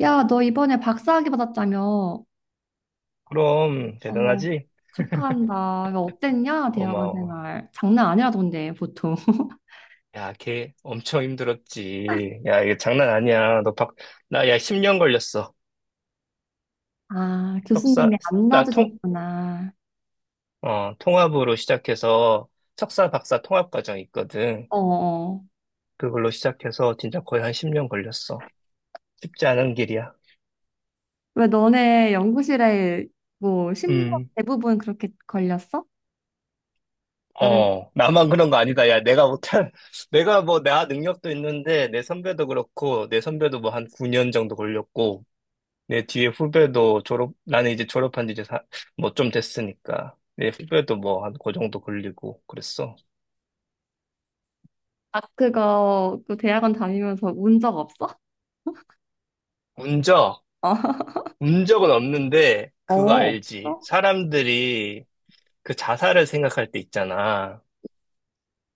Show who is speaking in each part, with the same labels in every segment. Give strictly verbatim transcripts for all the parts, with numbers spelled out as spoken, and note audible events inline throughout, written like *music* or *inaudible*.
Speaker 1: 야, 너 이번에 박사학위 받았다며?
Speaker 2: 그럼
Speaker 1: 어,
Speaker 2: 대단하지?
Speaker 1: 축하한다. 야, 어땠냐? 대학원
Speaker 2: 고마워.
Speaker 1: 생활. 장난 아니라던데, 보통. *laughs*
Speaker 2: 야, 걔 엄청 힘들었지. 야, 이거 장난 아니야. 너 박, 나 야, 십 년 걸렸어.
Speaker 1: 아,
Speaker 2: 석사,
Speaker 1: 교수님이 안
Speaker 2: 나 통,
Speaker 1: 놔주셨구나.
Speaker 2: 어, 통합으로 시작해서 석사 박사 통합 과정이 있거든.
Speaker 1: 어, 어.
Speaker 2: 그걸로 시작해서 진짜 거의 한 십 년 걸렸어. 쉽지 않은 길이야.
Speaker 1: 왜 너네 연구실에 뭐, 심도
Speaker 2: 음.
Speaker 1: 대부분 그렇게 걸렸어? 다른,
Speaker 2: 어, 나만 그런 거 아니다. 야, 내가 못한, *laughs* 내가 뭐, 나 능력도 있는데, 내 선배도 그렇고, 내 선배도 뭐 한 구 년 정도 걸렸고, 내 뒤에 후배도 졸업, 나는 이제 졸업한 지 이제 뭐 좀 됐으니까. 내 후배도 뭐 한 그 정도 걸리고 그랬어.
Speaker 1: 아, 그거, 그 대학원 다니면서 운 적 없어?
Speaker 2: 운적,
Speaker 1: *laughs*
Speaker 2: 운적은 없는데
Speaker 1: 어,
Speaker 2: 그거
Speaker 1: 어,
Speaker 2: 알지.
Speaker 1: 없어?
Speaker 2: 사람들이 그 자살을 생각할 때 있잖아.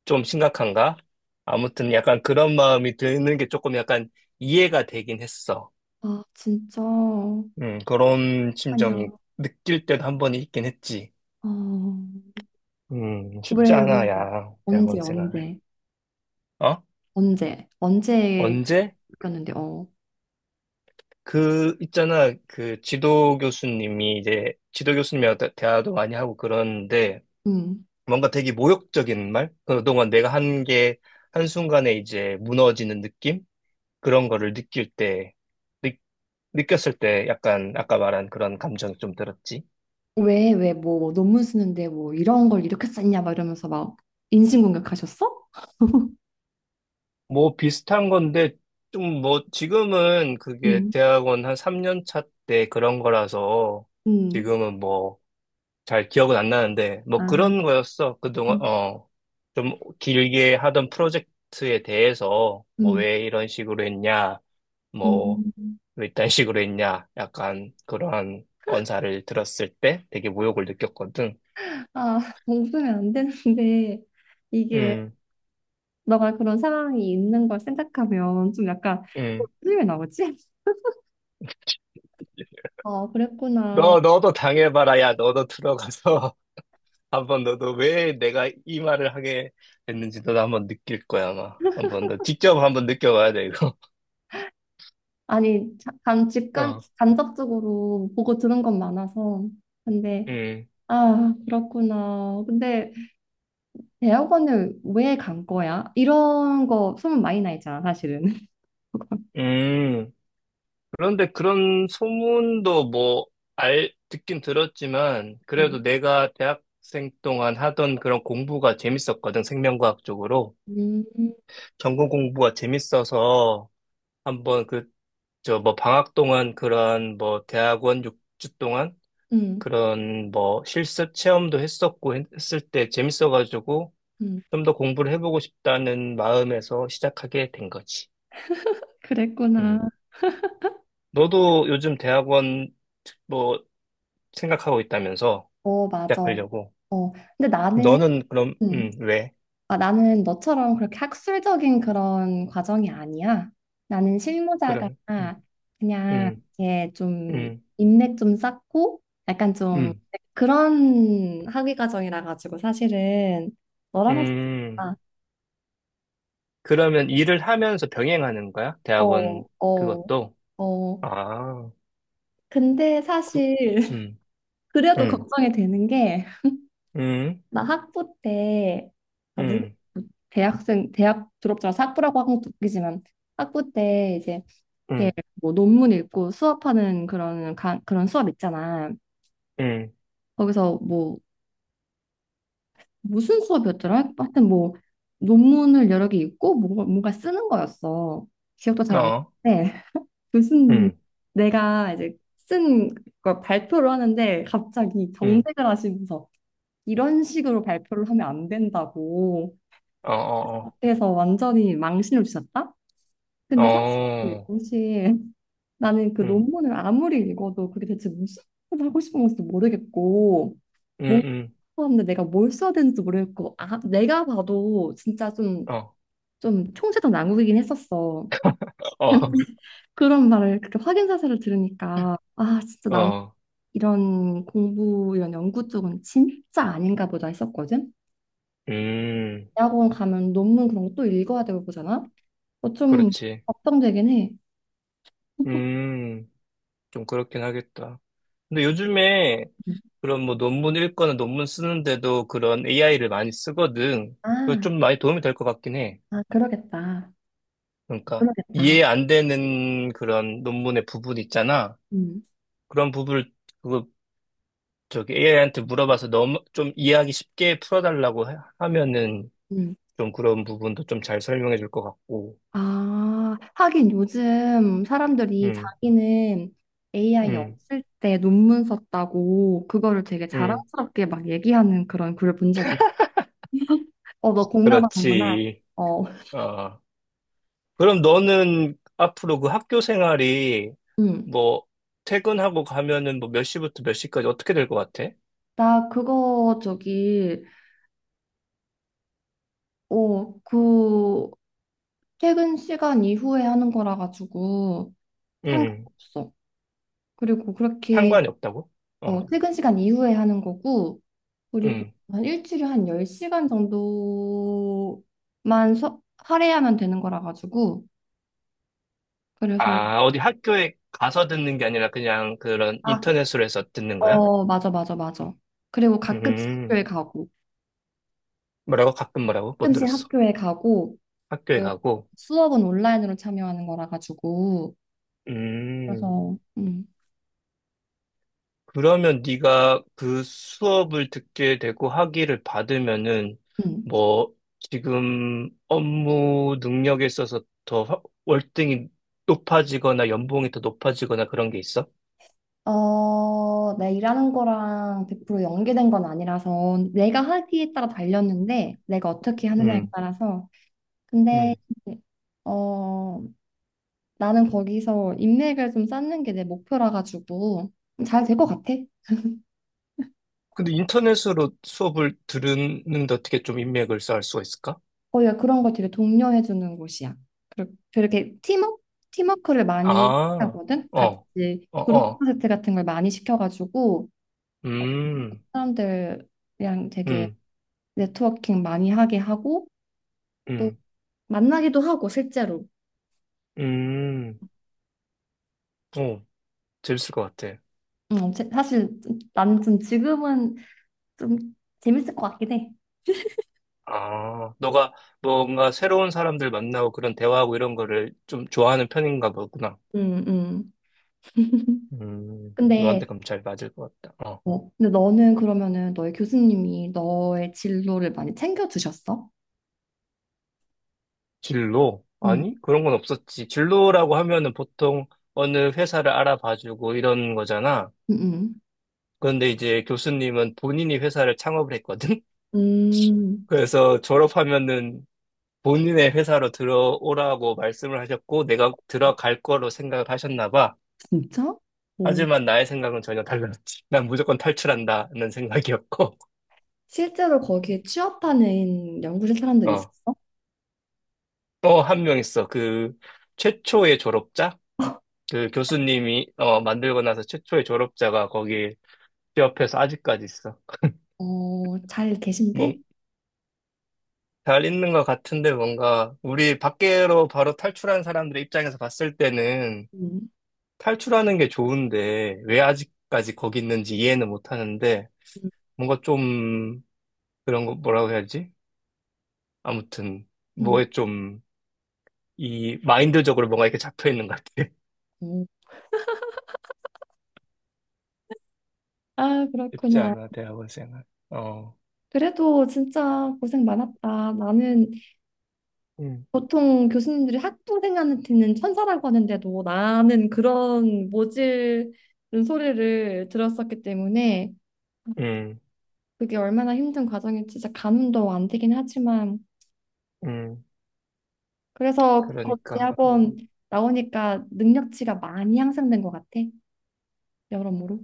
Speaker 2: 좀 심각한가? 아무튼 약간 그런 마음이 드는 게 조금 약간 이해가 되긴 했어.
Speaker 1: 아, 진짜.
Speaker 2: 음, 그런 심정이
Speaker 1: 아니야.
Speaker 2: 느낄 때도 한 번 있긴 했지.
Speaker 1: 어,
Speaker 2: 음, 쉽지
Speaker 1: 왜, 왜,
Speaker 2: 않아, 야,
Speaker 1: 언제,
Speaker 2: 대학원 생활.
Speaker 1: 언제,
Speaker 2: 어?
Speaker 1: 언제, 언제
Speaker 2: 언제?
Speaker 1: 그랬는데 어,
Speaker 2: 그 있잖아 그 지도 교수님이 이제 지도 교수님이랑 대- 대화도 많이 하고 그러는데
Speaker 1: 음,
Speaker 2: 뭔가 되게 모욕적인 말 그동안 내가 한 게 한순간에 이제 무너지는 느낌 그런 거를 느낄 때 느- 느꼈을 때 약간 아까 말한 그런 감정이 좀 들었지.
Speaker 1: 왜, 왜, 뭐, 뭐 논문 쓰는데 뭐 이런 걸 이렇게 썼냐 막 이러면서 막 인신공격하셨어?
Speaker 2: 뭐 비슷한 건데 좀 뭐 지금은 그게
Speaker 1: 음,
Speaker 2: 대학원 한 삼 년 차 때 그런 거라서
Speaker 1: 음,
Speaker 2: 지금은 뭐 잘 기억은 안 나는데, 뭐
Speaker 1: 아,
Speaker 2: 그런 거였어. 그동안,
Speaker 1: 음,
Speaker 2: 어, 좀 길게 하던 프로젝트에 대해서, 뭐
Speaker 1: 음,
Speaker 2: 왜 이런 식으로 했냐, 뭐,
Speaker 1: 음.
Speaker 2: 왜 이딴 식으로 했냐, 약간 그러한 언사를 들었을 때 되게 모욕을 느꼈거든.
Speaker 1: 아, 웃으면 안 되는데 이게
Speaker 2: 음,
Speaker 1: 너가 그런 상황이 있는 걸 생각하면 좀 약간
Speaker 2: 음.
Speaker 1: 웃음이 왜 나오지? 아, 그랬구나.
Speaker 2: 너, 너도 당해봐라. 야, 너도 들어가서 *laughs* 한번 너도 왜 내가 이 말을 하게 됐는지 너도 한번 느낄 거야, 아마. 한번 너 직접 한번 느껴봐야 돼, 이거.
Speaker 1: 아니, 자- 간,
Speaker 2: *laughs*
Speaker 1: 직간,
Speaker 2: 어.
Speaker 1: 간접적으로 보고 들은 건 많아서. 근데,
Speaker 2: 음,
Speaker 1: 아, 그렇구나. 근데 대학원을 왜 간 거야? 이런 거 소문 많이 나 있잖아, 사실은. *laughs*
Speaker 2: 음. 그런데 그런 소문도 뭐, 알, 듣긴 들었지만, 그래도 내가 대학생 동안 하던 그런 공부가 재밌었거든, 생명과학 쪽으로.
Speaker 1: 음, 음,
Speaker 2: 전공 공부가 재밌어서, 한번 그, 저 뭐, 방학 동안 그런 뭐, 대학원 육 주 동안
Speaker 1: 음.
Speaker 2: 그런 뭐, 실습 체험도 했었고, 했- 했을 때 재밌어가지고,
Speaker 1: 음.
Speaker 2: 좀 더 공부를 해보고 싶다는 마음에서 시작하게 된 거지. 음.
Speaker 1: 그랬구나.
Speaker 2: 너도 요즘 대학원 뭐, 생각하고 있다면서?
Speaker 1: 어, 맞아.
Speaker 2: 시작하려고.
Speaker 1: 어, 근데 나는,
Speaker 2: 너는 그럼, 음,
Speaker 1: 음.
Speaker 2: 왜?
Speaker 1: 아, 나는 너처럼 그렇게 학술적인 그런 과정이 아니야. 나는 실무자가
Speaker 2: 그럼, 음,
Speaker 1: 그냥
Speaker 2: 음,
Speaker 1: 이렇게 좀
Speaker 2: 음,
Speaker 1: 인맥 좀 쌓고 약간 좀
Speaker 2: 음,
Speaker 1: 그런 학위 과정이라 가지고 사실은 너랑
Speaker 2: 음.
Speaker 1: 아,
Speaker 2: 그러면 일을 하면서 병행하는 거야?
Speaker 1: 어,
Speaker 2: 대학원
Speaker 1: 어,
Speaker 2: 그것도?
Speaker 1: 어.
Speaker 2: 아,
Speaker 1: 근데
Speaker 2: 그,
Speaker 1: 사실 *laughs*
Speaker 2: 음,
Speaker 1: 그래도
Speaker 2: 음,
Speaker 1: 걱정이 되는 게
Speaker 2: 음,
Speaker 1: 나 학부 때 아, 물론
Speaker 2: 음,
Speaker 1: 대학생 대학 졸업자라서 학부라고 하는 것도 웃기지만 학부 때 이제 이렇게
Speaker 2: 음,
Speaker 1: 뭐 논문 읽고 수업하는 그런 강, 그런 수업 있잖아.
Speaker 2: 음,
Speaker 1: 거기서 뭐 무슨 수업이었더라? 하여튼 뭐 논문을 여러 개 읽고 뭔가, 뭔가 쓰는 거였어. 기억도 잘 안
Speaker 2: 어,
Speaker 1: 나는데 *laughs* 교수님이
Speaker 2: 음,
Speaker 1: 내가 이제 쓴 걸 발표를 하는데 갑자기
Speaker 2: 음,
Speaker 1: 경색을 하시면서 이런 식으로 발표를 하면 안 된다고
Speaker 2: 어, 어,
Speaker 1: 그래서 완전히 망신을 주셨다?
Speaker 2: 어,
Speaker 1: 근데 사실 그
Speaker 2: 어,
Speaker 1: 당시에 나는 그
Speaker 2: 음,
Speaker 1: 논문을 아무리 읽어도 그게 대체 무슨 말을 하고 싶은 건지도 모르겠고
Speaker 2: 음,
Speaker 1: 뭔가
Speaker 2: 음,
Speaker 1: 하는데 내가 뭘 써야 되는지 모르겠고 아, 내가 봐도 진짜 좀,
Speaker 2: 어,
Speaker 1: 좀 총체적 난국이긴 했었어.
Speaker 2: 어,
Speaker 1: 그런 말을 그렇게 확인 사실을 들으니까 아 진짜 난
Speaker 2: 어,
Speaker 1: 이런 공부 이런 연구 쪽은 진짜 아닌가 보다 했었거든.
Speaker 2: 음,
Speaker 1: 대학원 가면 논문 그런 거 또 읽어야 되고 보잖아. 어, 좀
Speaker 2: 그렇지.
Speaker 1: 걱정되긴 해.
Speaker 2: 음, 좀 그렇긴 하겠다. 근데 요즘에
Speaker 1: 음.
Speaker 2: 그런 뭐 논문 읽거나 논문 쓰는데도 그런 에이아이를 많이 쓰거든. 그거
Speaker 1: 아,
Speaker 2: 좀 많이 도움이 될 것 같긴 해.
Speaker 1: 아, 그러겠다.
Speaker 2: 그러니까
Speaker 1: 그러겠다.
Speaker 2: 이해 안 되는 그런 논문의 부분 있잖아.
Speaker 1: 음,
Speaker 2: 그런 부분을 그 저기 에이아이한테 물어봐서 너무 좀 이해하기 쉽게 풀어달라고 하- 하면은
Speaker 1: 음.
Speaker 2: 좀 그런 부분도 좀 잘 설명해 줄 것 같고.
Speaker 1: 아, 하긴 요즘 사람들이
Speaker 2: 음,
Speaker 1: 자기는 에이아이
Speaker 2: 음,
Speaker 1: 없을 때 논문 썼다고 그거를 되게
Speaker 2: 음.
Speaker 1: 자랑스럽게 막 얘기하는 그런 글을 본 적이 있어. 어, 너 공감하는구나.
Speaker 2: 그렇지.
Speaker 1: 어, *laughs*
Speaker 2: 어. 그럼 너는 앞으로 그 학교 생활이
Speaker 1: 음.
Speaker 2: 뭐 퇴근하고 가면은 뭐 몇 시부터 몇 시까지 어떻게 될 것 같아?
Speaker 1: 나 그거 저기, 어, 그 퇴근 시간 이후에 하는 거라 가지고
Speaker 2: 음,
Speaker 1: 상관없어. 그리고 그렇게
Speaker 2: 상관이 없다고? 어,
Speaker 1: 어, 퇴근 시간 이후에 하는 거고, 그리고
Speaker 2: 음.
Speaker 1: 한 일주일에 한 열 시간 정도만 서, 할애하면 되는 거라 가지고, 그래서,
Speaker 2: 아, 어디 학교에 가서 듣는 게 아니라 그냥 그런
Speaker 1: 아,
Speaker 2: 인터넷으로 해서 듣는 거야?
Speaker 1: 어, 맞아, 맞아, 맞아. 그리고 가끔씩
Speaker 2: 음,
Speaker 1: 학교에 가고,
Speaker 2: 뭐라고? 가끔 뭐라고? 못
Speaker 1: 가끔씩
Speaker 2: 들었어.
Speaker 1: 학교에 가고,
Speaker 2: 학교에
Speaker 1: 그
Speaker 2: 가고.
Speaker 1: 수업은 온라인으로 참여하는 거라 가지고,
Speaker 2: 음.
Speaker 1: 그래서, 음,
Speaker 2: 그러면 네가 그 수업을 듣게 되고 학위를 받으면은
Speaker 1: 음.
Speaker 2: 뭐 지금 업무 능력에 있어서 더 화- 월등히 높아지거나 연봉이 더 높아지거나 그런 게 있어?
Speaker 1: 어, 내 일하는 거랑 백 퍼센트 연계된 건 아니라서, 내가 하기에 따라 달렸는데, 내가 어떻게 하느냐에
Speaker 2: 음,
Speaker 1: 따라서, 근데
Speaker 2: 음.
Speaker 1: 어 나는 거기서 인맥을 좀 쌓는 게 내 목표라 가지고 잘 될 것 같아.
Speaker 2: 근데 인터넷으로 수업을 들으는데 어떻게 좀 인맥을 쌓을 수가 있을까?
Speaker 1: 거기가 그런 걸 되게 독려해 주는 곳이야. 그리고 되게 팀워크 팀워크를 많이
Speaker 2: 아,
Speaker 1: 하거든. 같이
Speaker 2: 어, 어,
Speaker 1: 그룹
Speaker 2: 어.
Speaker 1: 프로젝트 같은 걸 많이 시켜가지고
Speaker 2: 음,
Speaker 1: 사람들이랑 되게
Speaker 2: 음,
Speaker 1: 네트워킹 많이 하게 하고 또
Speaker 2: 음,
Speaker 1: 만나기도 하고 실제로.
Speaker 2: 음. 오, 재밌을 것 같아.
Speaker 1: 음, 제- 사실 나는 좀 지금은 좀 재밌을 것 같긴 해.
Speaker 2: 아, 너가 뭔가 새로운 사람들 만나고 그런 대화하고 이런 거를 좀 좋아하는 편인가 보구나.
Speaker 1: 음, 음.
Speaker 2: 음,
Speaker 1: 근데
Speaker 2: 너한테 그럼 잘 맞을 것 같다. 어.
Speaker 1: 어, 근데 너는 그러면은 너의 교수님이 너의 진로를 많이 챙겨주셨어?
Speaker 2: 진로?
Speaker 1: 응,
Speaker 2: 아니, 그런 건 없었지. 진로라고 하면은 보통 어느 회사를 알아봐주고 이런 거잖아.
Speaker 1: 응, 응.
Speaker 2: 그런데 이제 교수님은 본인이 회사를 창업을 했거든? *laughs*
Speaker 1: 음,
Speaker 2: 그래서 졸업하면은 본인의 회사로 들어오라고 말씀을 하셨고, 내가 들어갈 거로 생각을 하셨나 봐.
Speaker 1: 진짜? 오,
Speaker 2: 하지만 나의 생각은 전혀 달랐지. 난 무조건 탈출한다는 생각이었고,
Speaker 1: 실제로 거기에 취업하는 연구실 사람들이
Speaker 2: 어,
Speaker 1: 있었어?
Speaker 2: 또 한 명 있어. 그 최초의 졸업자? 그 교수님이 어, 만들고 나서 최초의 졸업자가 거기 취업해서 아직까지 있어.
Speaker 1: 어, 잘
Speaker 2: 뭐,
Speaker 1: 계신데?
Speaker 2: 잘 있는 것 같은데 뭔가 우리 밖으로 바로 탈출한 사람들의 입장에서 봤을 때는
Speaker 1: 음,
Speaker 2: 탈출하는 게 좋은데 왜 아직까지 거기 있는지 이해는 못 하는데
Speaker 1: 음,
Speaker 2: 뭔가 좀 그런 거 뭐라고 해야지? 아무튼
Speaker 1: 음.
Speaker 2: 뭐에 좀 이 마인드적으로 뭔가 이렇게 잡혀 있는 것 같아. *laughs*
Speaker 1: 오, 아,
Speaker 2: 쉽지
Speaker 1: 그렇구나.
Speaker 2: 않아, 대학원생은. 어,
Speaker 1: 그래도 진짜 고생 많았다. 나는
Speaker 2: 음,
Speaker 1: 보통 교수님들이 학부생한테는 천사라고 하는데도 나는 그런 모질은 소리를 들었었기 때문에
Speaker 2: 음,
Speaker 1: 그게 얼마나 힘든 과정이 진짜 가늠도 안 되긴 하지만
Speaker 2: 음,
Speaker 1: 그래서 곧
Speaker 2: 그러니까. 음.
Speaker 1: 대학원 나오니까 능력치가 많이 향상된 것 같아 여러모로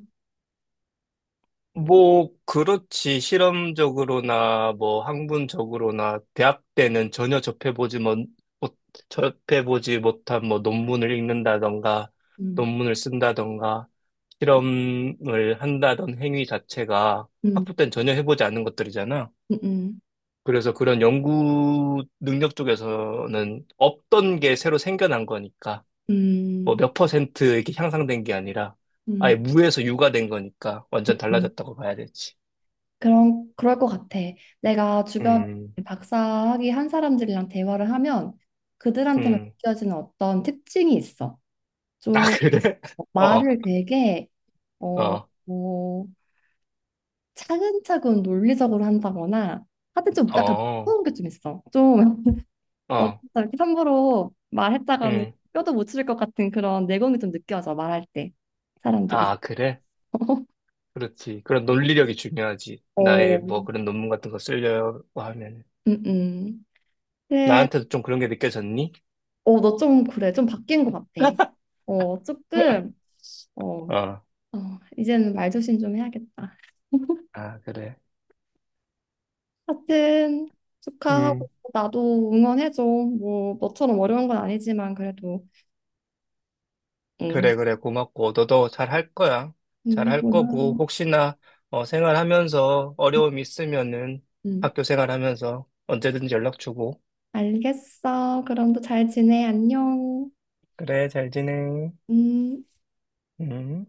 Speaker 2: 뭐, 그렇지. 실험적으로나, 뭐, 학문적으로나, 대학 때는 전혀 접해보지 못, 못- 접해보지 못한 뭐, 논문을 읽는다던가,
Speaker 1: 음,
Speaker 2: 논문을 쓴다던가, 실험을 한다던 행위 자체가
Speaker 1: 음,
Speaker 2: 학부 때는 전혀 해보지 않은 것들이잖아.
Speaker 1: 음, 음,
Speaker 2: 그래서 그런 연구 능력 쪽에서는 없던 게 새로 생겨난 거니까, 뭐
Speaker 1: 음,
Speaker 2: 몇 퍼센트 이렇게 향상된 게 아니라, 아예
Speaker 1: 음,
Speaker 2: 무에서 유가 된 거니까 완전
Speaker 1: 음.
Speaker 2: 달라졌다고 봐야 되지.
Speaker 1: 그런 그럴 것 같아 내가 주변
Speaker 2: 음,
Speaker 1: 박사학위 한 사람들이랑 대화를 하면 그들한테만
Speaker 2: 음.
Speaker 1: 느껴지는 어떤 특징이 있어
Speaker 2: 아,
Speaker 1: 좀
Speaker 2: 그래? *laughs*
Speaker 1: 뭐
Speaker 2: 어,
Speaker 1: 말을 되게 어,
Speaker 2: 어,
Speaker 1: 어, 차근차근 논리적으로 한다거나 하여튼 좀 약간 무서운
Speaker 2: 어,
Speaker 1: 게 좀 있어. 좀 *laughs*
Speaker 2: 어,
Speaker 1: 어쩌다 이렇게 함부로 말했다가는
Speaker 2: 음.
Speaker 1: 뼈도 못 치를 것 같은 그런 내공이 좀 느껴져 말할 때 사람들이.
Speaker 2: 아, 그래? 그렇지. 그런 논리력이 중요하지. 나의 뭐
Speaker 1: 어,
Speaker 2: 그런 논문 같은 거 쓰려고 하면.
Speaker 1: 음, 음. 근데
Speaker 2: 나한테도 좀 그런 게 느껴졌니?
Speaker 1: 어, 너 좀 그래 좀 바뀐 것 같아. 어,
Speaker 2: *laughs*
Speaker 1: 조금 어,
Speaker 2: 어,
Speaker 1: 어, 이제는 말조심 좀 해야겠다.
Speaker 2: 아, 그래.
Speaker 1: 하여튼 축하하고
Speaker 2: 음.
Speaker 1: 나도 응원해줘. 뭐 너처럼 어려운 건 아니지만 그래도 응,
Speaker 2: 그래, 그래, 고맙고, 너도 잘할 거야.
Speaker 1: 응,
Speaker 2: 잘할 거고,
Speaker 1: 고마워.
Speaker 2: 혹시나, 어, 생활하면서 어려움 있으면은,
Speaker 1: 응.
Speaker 2: 학교 생활하면서 언제든지 연락 주고.
Speaker 1: 알겠어. 그럼 또 잘 지내. 안녕.
Speaker 2: 그래, 잘 지내.
Speaker 1: 음.
Speaker 2: 음.